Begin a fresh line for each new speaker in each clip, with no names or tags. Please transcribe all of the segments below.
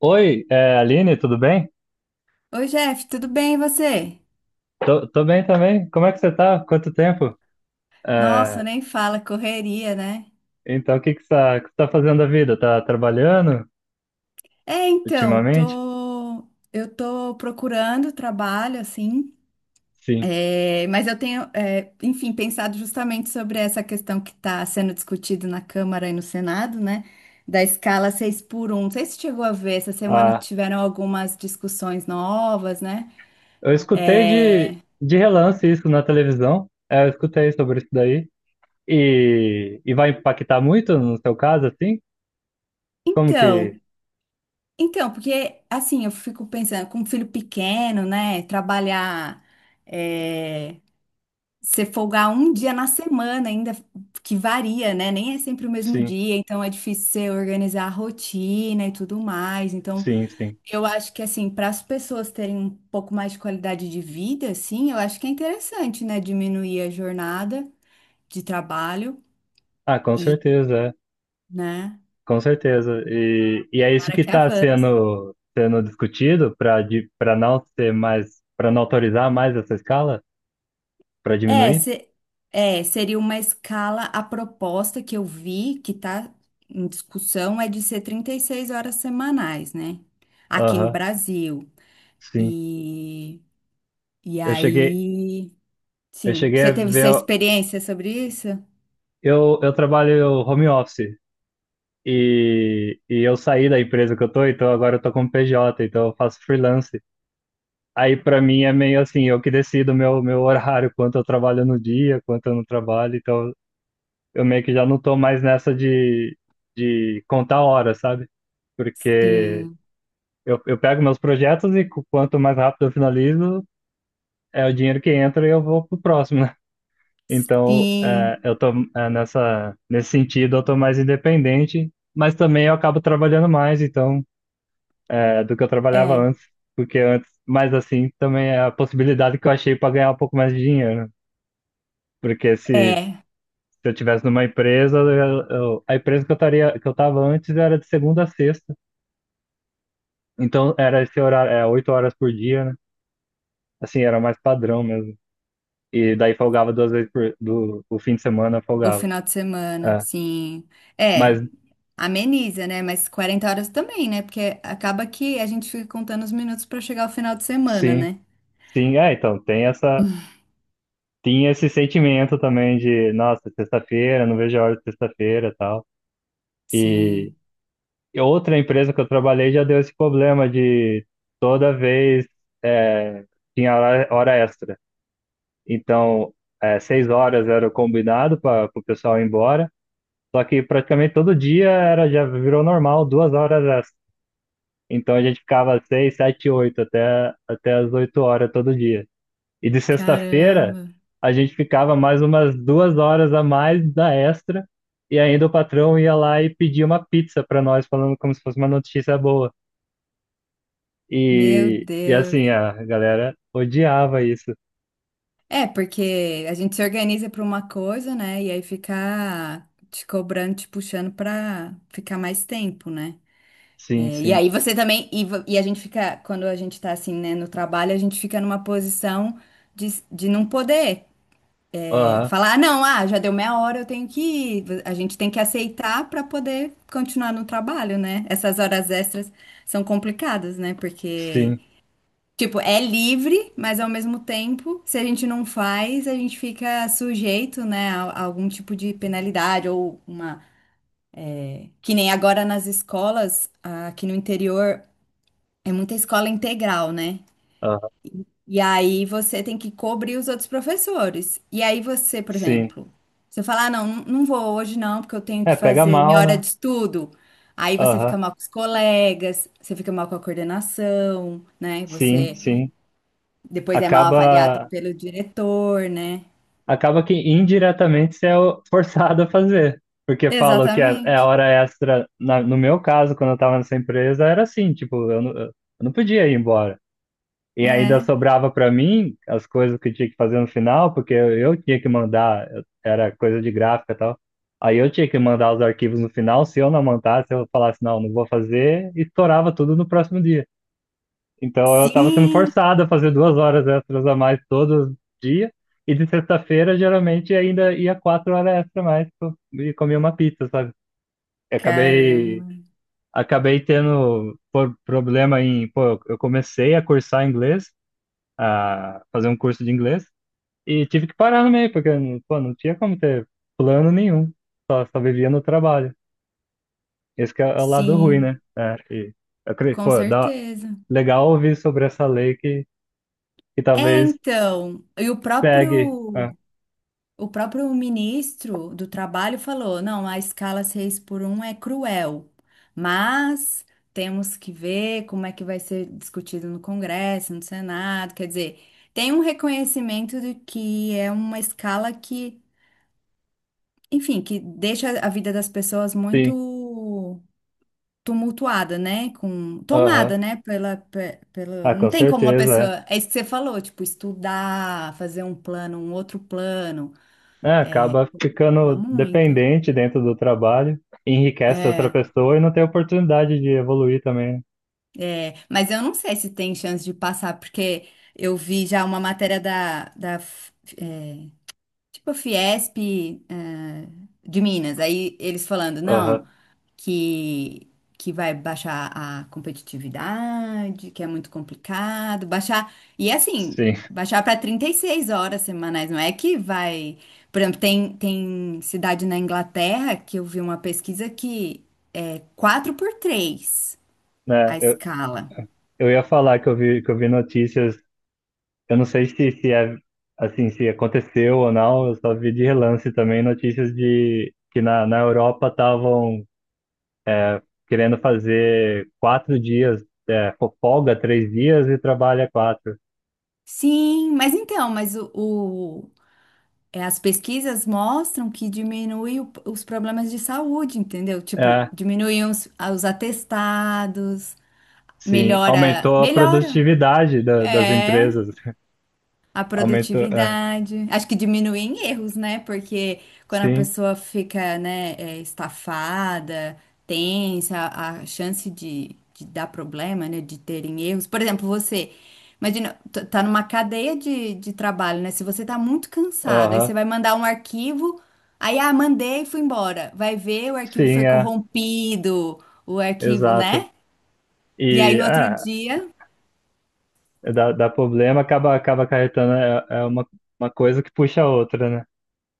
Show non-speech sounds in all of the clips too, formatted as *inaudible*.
Oi, Aline, tudo bem?
Oi, Jeff, tudo bem e você?
Tô bem também. Como é que você tá? Quanto tempo?
Nossa,
É,
nem fala, correria, né?
então, o que que você tá fazendo da vida? Tá trabalhando
É, então,
ultimamente?
tô... eu tô procurando trabalho, assim,
Sim.
mas eu tenho, enfim, pensado justamente sobre essa questão que está sendo discutida na Câmara e no Senado, né? Da escala 6 por um. Não sei se chegou a ver, essa semana
Ah,
tiveram algumas discussões novas, né?
eu escutei
É,
de relance isso na televisão. É, eu escutei sobre isso daí. E vai impactar muito no seu caso, assim? Como que...
Então, Então, porque assim, eu fico pensando, com um filho pequeno, né? Trabalhar, é, você folgar um dia na semana, ainda que varia, né? Nem é sempre o mesmo
Sim,
dia, então é difícil você organizar a rotina e tudo mais. Então,
sim, sim.
eu acho que assim, para as pessoas terem um pouco mais de qualidade de vida, assim, eu acho que é interessante, né? Diminuir a jornada de trabalho
Ah, com
e,
certeza, é.
né?
Com certeza. E é isso
Para
que
que
está
avance.
sendo discutido para não ter mais, para não autorizar mais essa escala, para
É,
diminuir?
se- Seria uma escala. A proposta que eu vi, que está em discussão, é de ser 36 horas semanais, né? Aqui no
Aham,
Brasil.
sim.
E, e
Eu cheguei,
aí,
eu
sim.
cheguei a
Você teve sua
ver.
experiência sobre isso?
Eu trabalho home office e eu saí da empresa que eu tô, então agora eu tô como PJ, então eu faço freelance. Aí para mim é meio assim, eu que decido meu horário, quanto eu trabalho no dia, quanto eu não trabalho, então eu meio que já não tô mais nessa de contar horas, sabe? Porque
Sim,
eu pego meus projetos e quanto mais rápido eu finalizo, é o dinheiro que entra e eu vou pro próximo, né? *laughs* Então,
sim.
eu tô nesse sentido, eu tô mais independente, mas também eu acabo trabalhando mais, então, do que eu trabalhava
É,
antes, porque antes, mas assim, também é a possibilidade que eu achei para ganhar um pouco mais de dinheiro, né? Porque se
é.
se eu tivesse numa empresa, a empresa que eu estaria, que eu estava antes, era de segunda a sexta. Então era esse horário, é, oito horas por dia, né? Assim, era mais padrão mesmo. E daí folgava duas vezes o fim de semana,
O
folgava.
final de semana,
É.
sim.
Mas
É, Ameniza, né? Mas 40 horas também, né? Porque acaba que a gente fica contando os minutos para chegar ao final de semana,
sim,
né?
sim, é, então tinha esse sentimento também de, nossa, sexta-feira, não vejo a hora de sexta-feira, e tal. E
Sim.
e outra empresa que eu trabalhei já deu esse problema de toda vez, é, tinha hora extra. Então, é, seis horas era o combinado para o pessoal ir embora. Só que praticamente todo dia era, já virou normal, duas horas extra. Então a gente ficava seis, sete, até as oito horas todo dia. E de sexta-feira
Caramba,
a gente ficava mais umas duas horas a mais da extra. E ainda o patrão ia lá e pedia uma pizza para nós, falando como se fosse uma notícia boa.
meu
E
Deus.
assim, a galera odiava isso.
É, porque a gente se organiza para uma coisa, né? E aí fica te cobrando, te puxando para ficar mais tempo, né?
Sim,
É, e
sim.
aí você também. E a gente fica, quando a gente tá assim, né, no trabalho, a gente fica numa posição de não poder
Aham,
falar, "Ah, não, ah, já deu meia hora, eu tenho que ir. A gente tem que aceitar para poder continuar no trabalho, né? Essas horas extras são complicadas, né? Porque.
sim.
Tipo, é livre, mas ao mesmo tempo, se a gente não faz, a gente fica sujeito, né, a algum tipo de penalidade ou uma. Que nem agora nas escolas, ah, aqui no interior, é muita escola integral, né?
Aham,
E aí você tem que cobrir os outros professores. E aí você, por
sim.
exemplo, você fala, ah, não, não vou hoje não, porque eu tenho que
É, pega
fazer minha
mal,
hora
né?
de estudo. Aí você
Aham.
fica mal com os colegas, você fica mal com a coordenação, né?
Sim,
Você
sim.
depois é mal
Acaba,
avaliado pelo diretor, né?
Acaba que indiretamente você é *laughs* forçado a fazer. Porque falam que é
Exatamente.
hora extra. No meu caso, quando eu estava nessa empresa, era assim, tipo, eu não podia ir embora. E ainda
É.
sobrava para mim as coisas que eu tinha que fazer no final, porque eu tinha que era coisa de gráfica e tal. Aí eu tinha que mandar os arquivos no final, se eu não mandasse, eu falasse, não, não vou fazer, e estourava tudo no próximo dia. Então eu estava sendo
Sim,
forçado a fazer duas horas extras a mais todo dia. E de sexta-feira, geralmente, ainda ia quatro horas extra a mais e comia uma pizza, sabe? Eu acabei,
caramba.
acabei tendo problema em. Pô, eu comecei a cursar inglês, a fazer um curso de inglês, e tive que parar no meio, porque pô, não tinha como ter plano nenhum. Só vivia no trabalho. Esse que é o lado ruim, né?
Sim,
É, e,
com
pô, dá,
certeza.
legal ouvir sobre essa lei que talvez
Então, e o
pegue.
próprio
Ah,
o próprio ministro do Trabalho falou, não, a escala 6 por um é cruel, mas temos que ver como é que vai ser discutido no Congresso, no Senado, quer dizer, tem um reconhecimento de que é uma escala que enfim, que deixa a vida das pessoas
sim.
muito tumultuada, né? Com
Aham.
tomada, né? Pela, pe- pelo,
Ah,
não
com
tem como uma
certeza,
pessoa, é isso que você falou, tipo, estudar, fazer um plano, um outro plano.
é. É, acaba
Dá
ficando
muito.
dependente dentro do trabalho, enriquece outra
É,
pessoa e não tem oportunidade de evoluir também.
é, mas eu não sei se tem chance de passar, porque eu vi já uma matéria da tipo a Fiesp, eh, de Minas. Aí eles falando,
Aham.
não, que, que vai baixar a competitividade, que é muito complicado, baixar. E é assim,
Sim.
baixar para 36 horas semanais, não é que vai. Por exemplo, tem cidade na Inglaterra que eu vi uma pesquisa que é 4 por 3
Né,
a escala.
eu ia falar que eu vi notícias, eu não sei se é assim, se aconteceu ou não, eu só vi de relance também notícias de que na Europa estavam querendo fazer quatro dias, é, folga três dias e trabalha quatro.
Sim, mas então, mas é, as pesquisas mostram que diminui os problemas de saúde, entendeu? Tipo,
É,
diminuem os atestados,
sim,
melhora,
aumentou a
melhora.
produtividade das
É.
empresas. *laughs*
A
Aumentou, é,
produtividade. Acho que diminui em erros, né? Porque quando a
sim,
pessoa fica, né, estafada, tensa, a chance de dar problema, né? De terem erros. Por exemplo, você. Imagina, tá numa cadeia de trabalho, né? Se você tá muito cansado, aí
aham,
você vai mandar um arquivo, aí, ah, mandei e fui embora. Vai ver, o arquivo
sim,
foi
é,
corrompido, o arquivo,
exato.
né? E aí,
E
no outro
é,
dia,
dá, dá problema, acaba, acaba acarretando, é, é uma coisa que puxa a outra, né?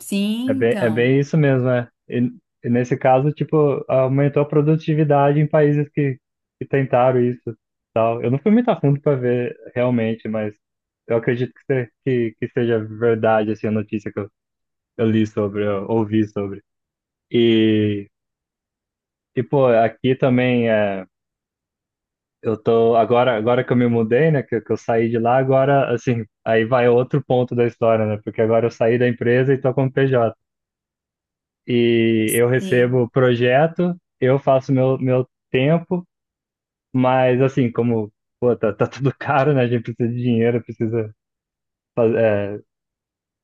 sim,
É
então,
bem isso mesmo, é. E nesse caso, tipo, aumentou a produtividade em países que tentaram isso, tal. Eu não fui muito a fundo para ver realmente, mas eu acredito que, se- que seja verdade, assim, a notícia que eu li sobre, eu ouvi sobre. E, tipo, aqui também é. Eu tô. Agora, agora que eu me mudei, né? Que eu saí de lá, agora, assim, aí vai outro ponto da história, né? Porque agora eu saí da empresa e tô como PJ. E eu
sim,
recebo projeto, eu faço meu tempo, mas assim, como, pô, tá tudo *laughs* caro, né? A gente precisa de dinheiro, precisa fazer,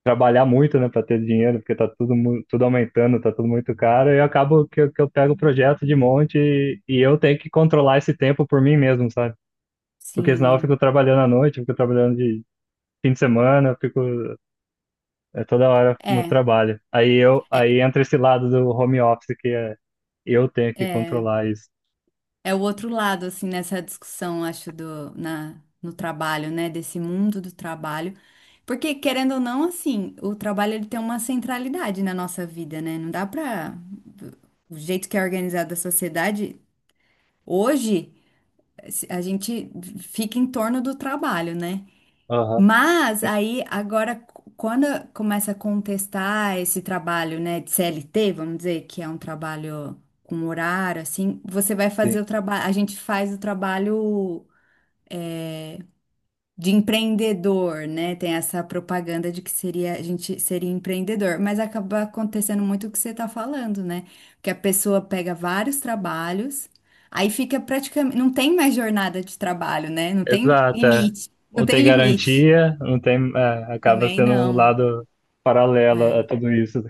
trabalhar muito, né, para ter dinheiro, porque tá tudo, tudo aumentando, tá tudo muito caro, e eu acabo que, eu pego o projeto de monte e eu tenho que controlar esse tempo por mim mesmo, sabe? Porque senão eu fico
sim.
trabalhando à noite, eu fico trabalhando de fim de semana, eu fico é, toda hora no
É,
trabalho.
é,
Aí entra esse lado do home office que é eu tenho que
é,
controlar isso.
é o outro lado, assim, nessa discussão, acho, do, na, no trabalho, né? Desse mundo do trabalho. Porque, querendo ou não, assim, o trabalho ele tem uma centralidade na nossa vida, né? Não dá pra. O jeito que é organizada a sociedade, hoje, a gente fica em torno do trabalho, né?
Aham,
Mas
sim,
aí agora quando começa a contestar esse trabalho, né, de CLT, vamos dizer, que é um trabalho com horário assim, você vai
sim.
fazer o trabalho, a gente faz o trabalho de empreendedor, né? Tem essa propaganda de que seria a gente seria empreendedor, mas acaba acontecendo muito o que você está falando, né? Que a pessoa pega vários trabalhos, aí fica praticamente, não tem mais jornada de trabalho, né? Não tem
Exato, é.
limite, não
Não tem
tem limite.
garantia, não tem, é, acaba
Também
sendo um
não.
lado paralelo a
É.
tudo isso,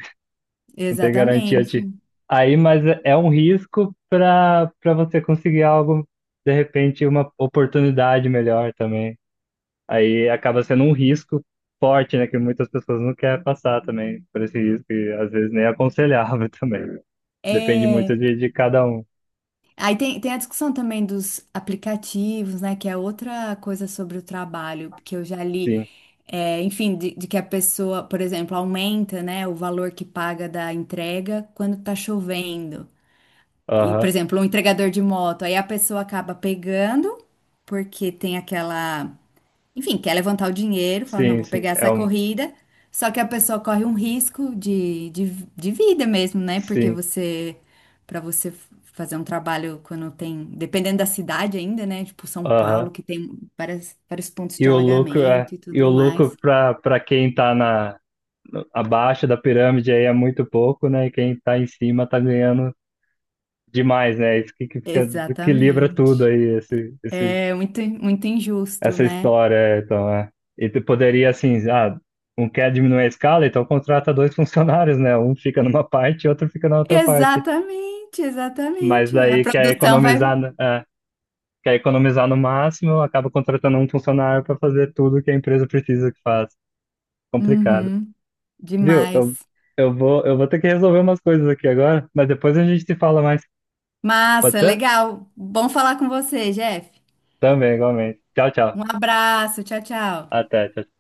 não tem garantia de.
Exatamente.
Aí, mas é é um risco para para você conseguir algo, de repente, uma oportunidade melhor também. Aí acaba sendo um risco forte, né? Que muitas pessoas não querem passar também por esse risco, e às vezes nem é aconselhável *laughs* também. Depende muito
É,
de cada um.
aí tem a discussão também dos aplicativos, né? Que é outra coisa sobre o trabalho, que eu já li,
Sim.
é, enfim, de que a pessoa, por exemplo, aumenta, né, o valor que paga da entrega quando tá chovendo. E, por
Aham.
exemplo, um entregador de moto, aí a pessoa acaba pegando, porque tem aquela. Enfim, quer levantar o dinheiro, fala, não,
Sim,
vou
sim.
pegar
É
essa
um.
corrida. Só que a pessoa corre um risco de, de vida mesmo, né? Porque
Sim.
você, para você fazer um trabalho quando tem, dependendo da cidade ainda, né? Tipo São Paulo,
Aham.
que tem várias, vários pontos
E
de
o lucro é.
alagamento e
E o
tudo
lucro
mais.
para para quem tá na abaixo da pirâmide aí é muito pouco, né? E quem tá em cima tá ganhando demais, né? Isso que fica, equilibra tudo
Exatamente.
aí, esse,
É muito, muito injusto,
essa
né?
história, é. Então, é. E tu poderia, assim, ah, um quer diminuir a escala, então contrata dois *laughs* funcionários, né? Um fica numa parte e outro fica na outra parte.
Exatamente,
Mas
exatamente. A
daí quer
produção
economizar,
vai.
é, quer economizar no máximo, acaba contratando um funcionário para fazer tudo que a empresa precisa que faz. Complicado.
Uhum,
Viu?
demais.
Eu vou ter que resolver umas coisas aqui agora, mas depois a gente se fala mais. Pode
Massa,
ser?
legal. Bom falar com você, Jeff.
Também, igualmente. Tchau, tchau.
Um abraço, tchau, tchau.
Até, tchau.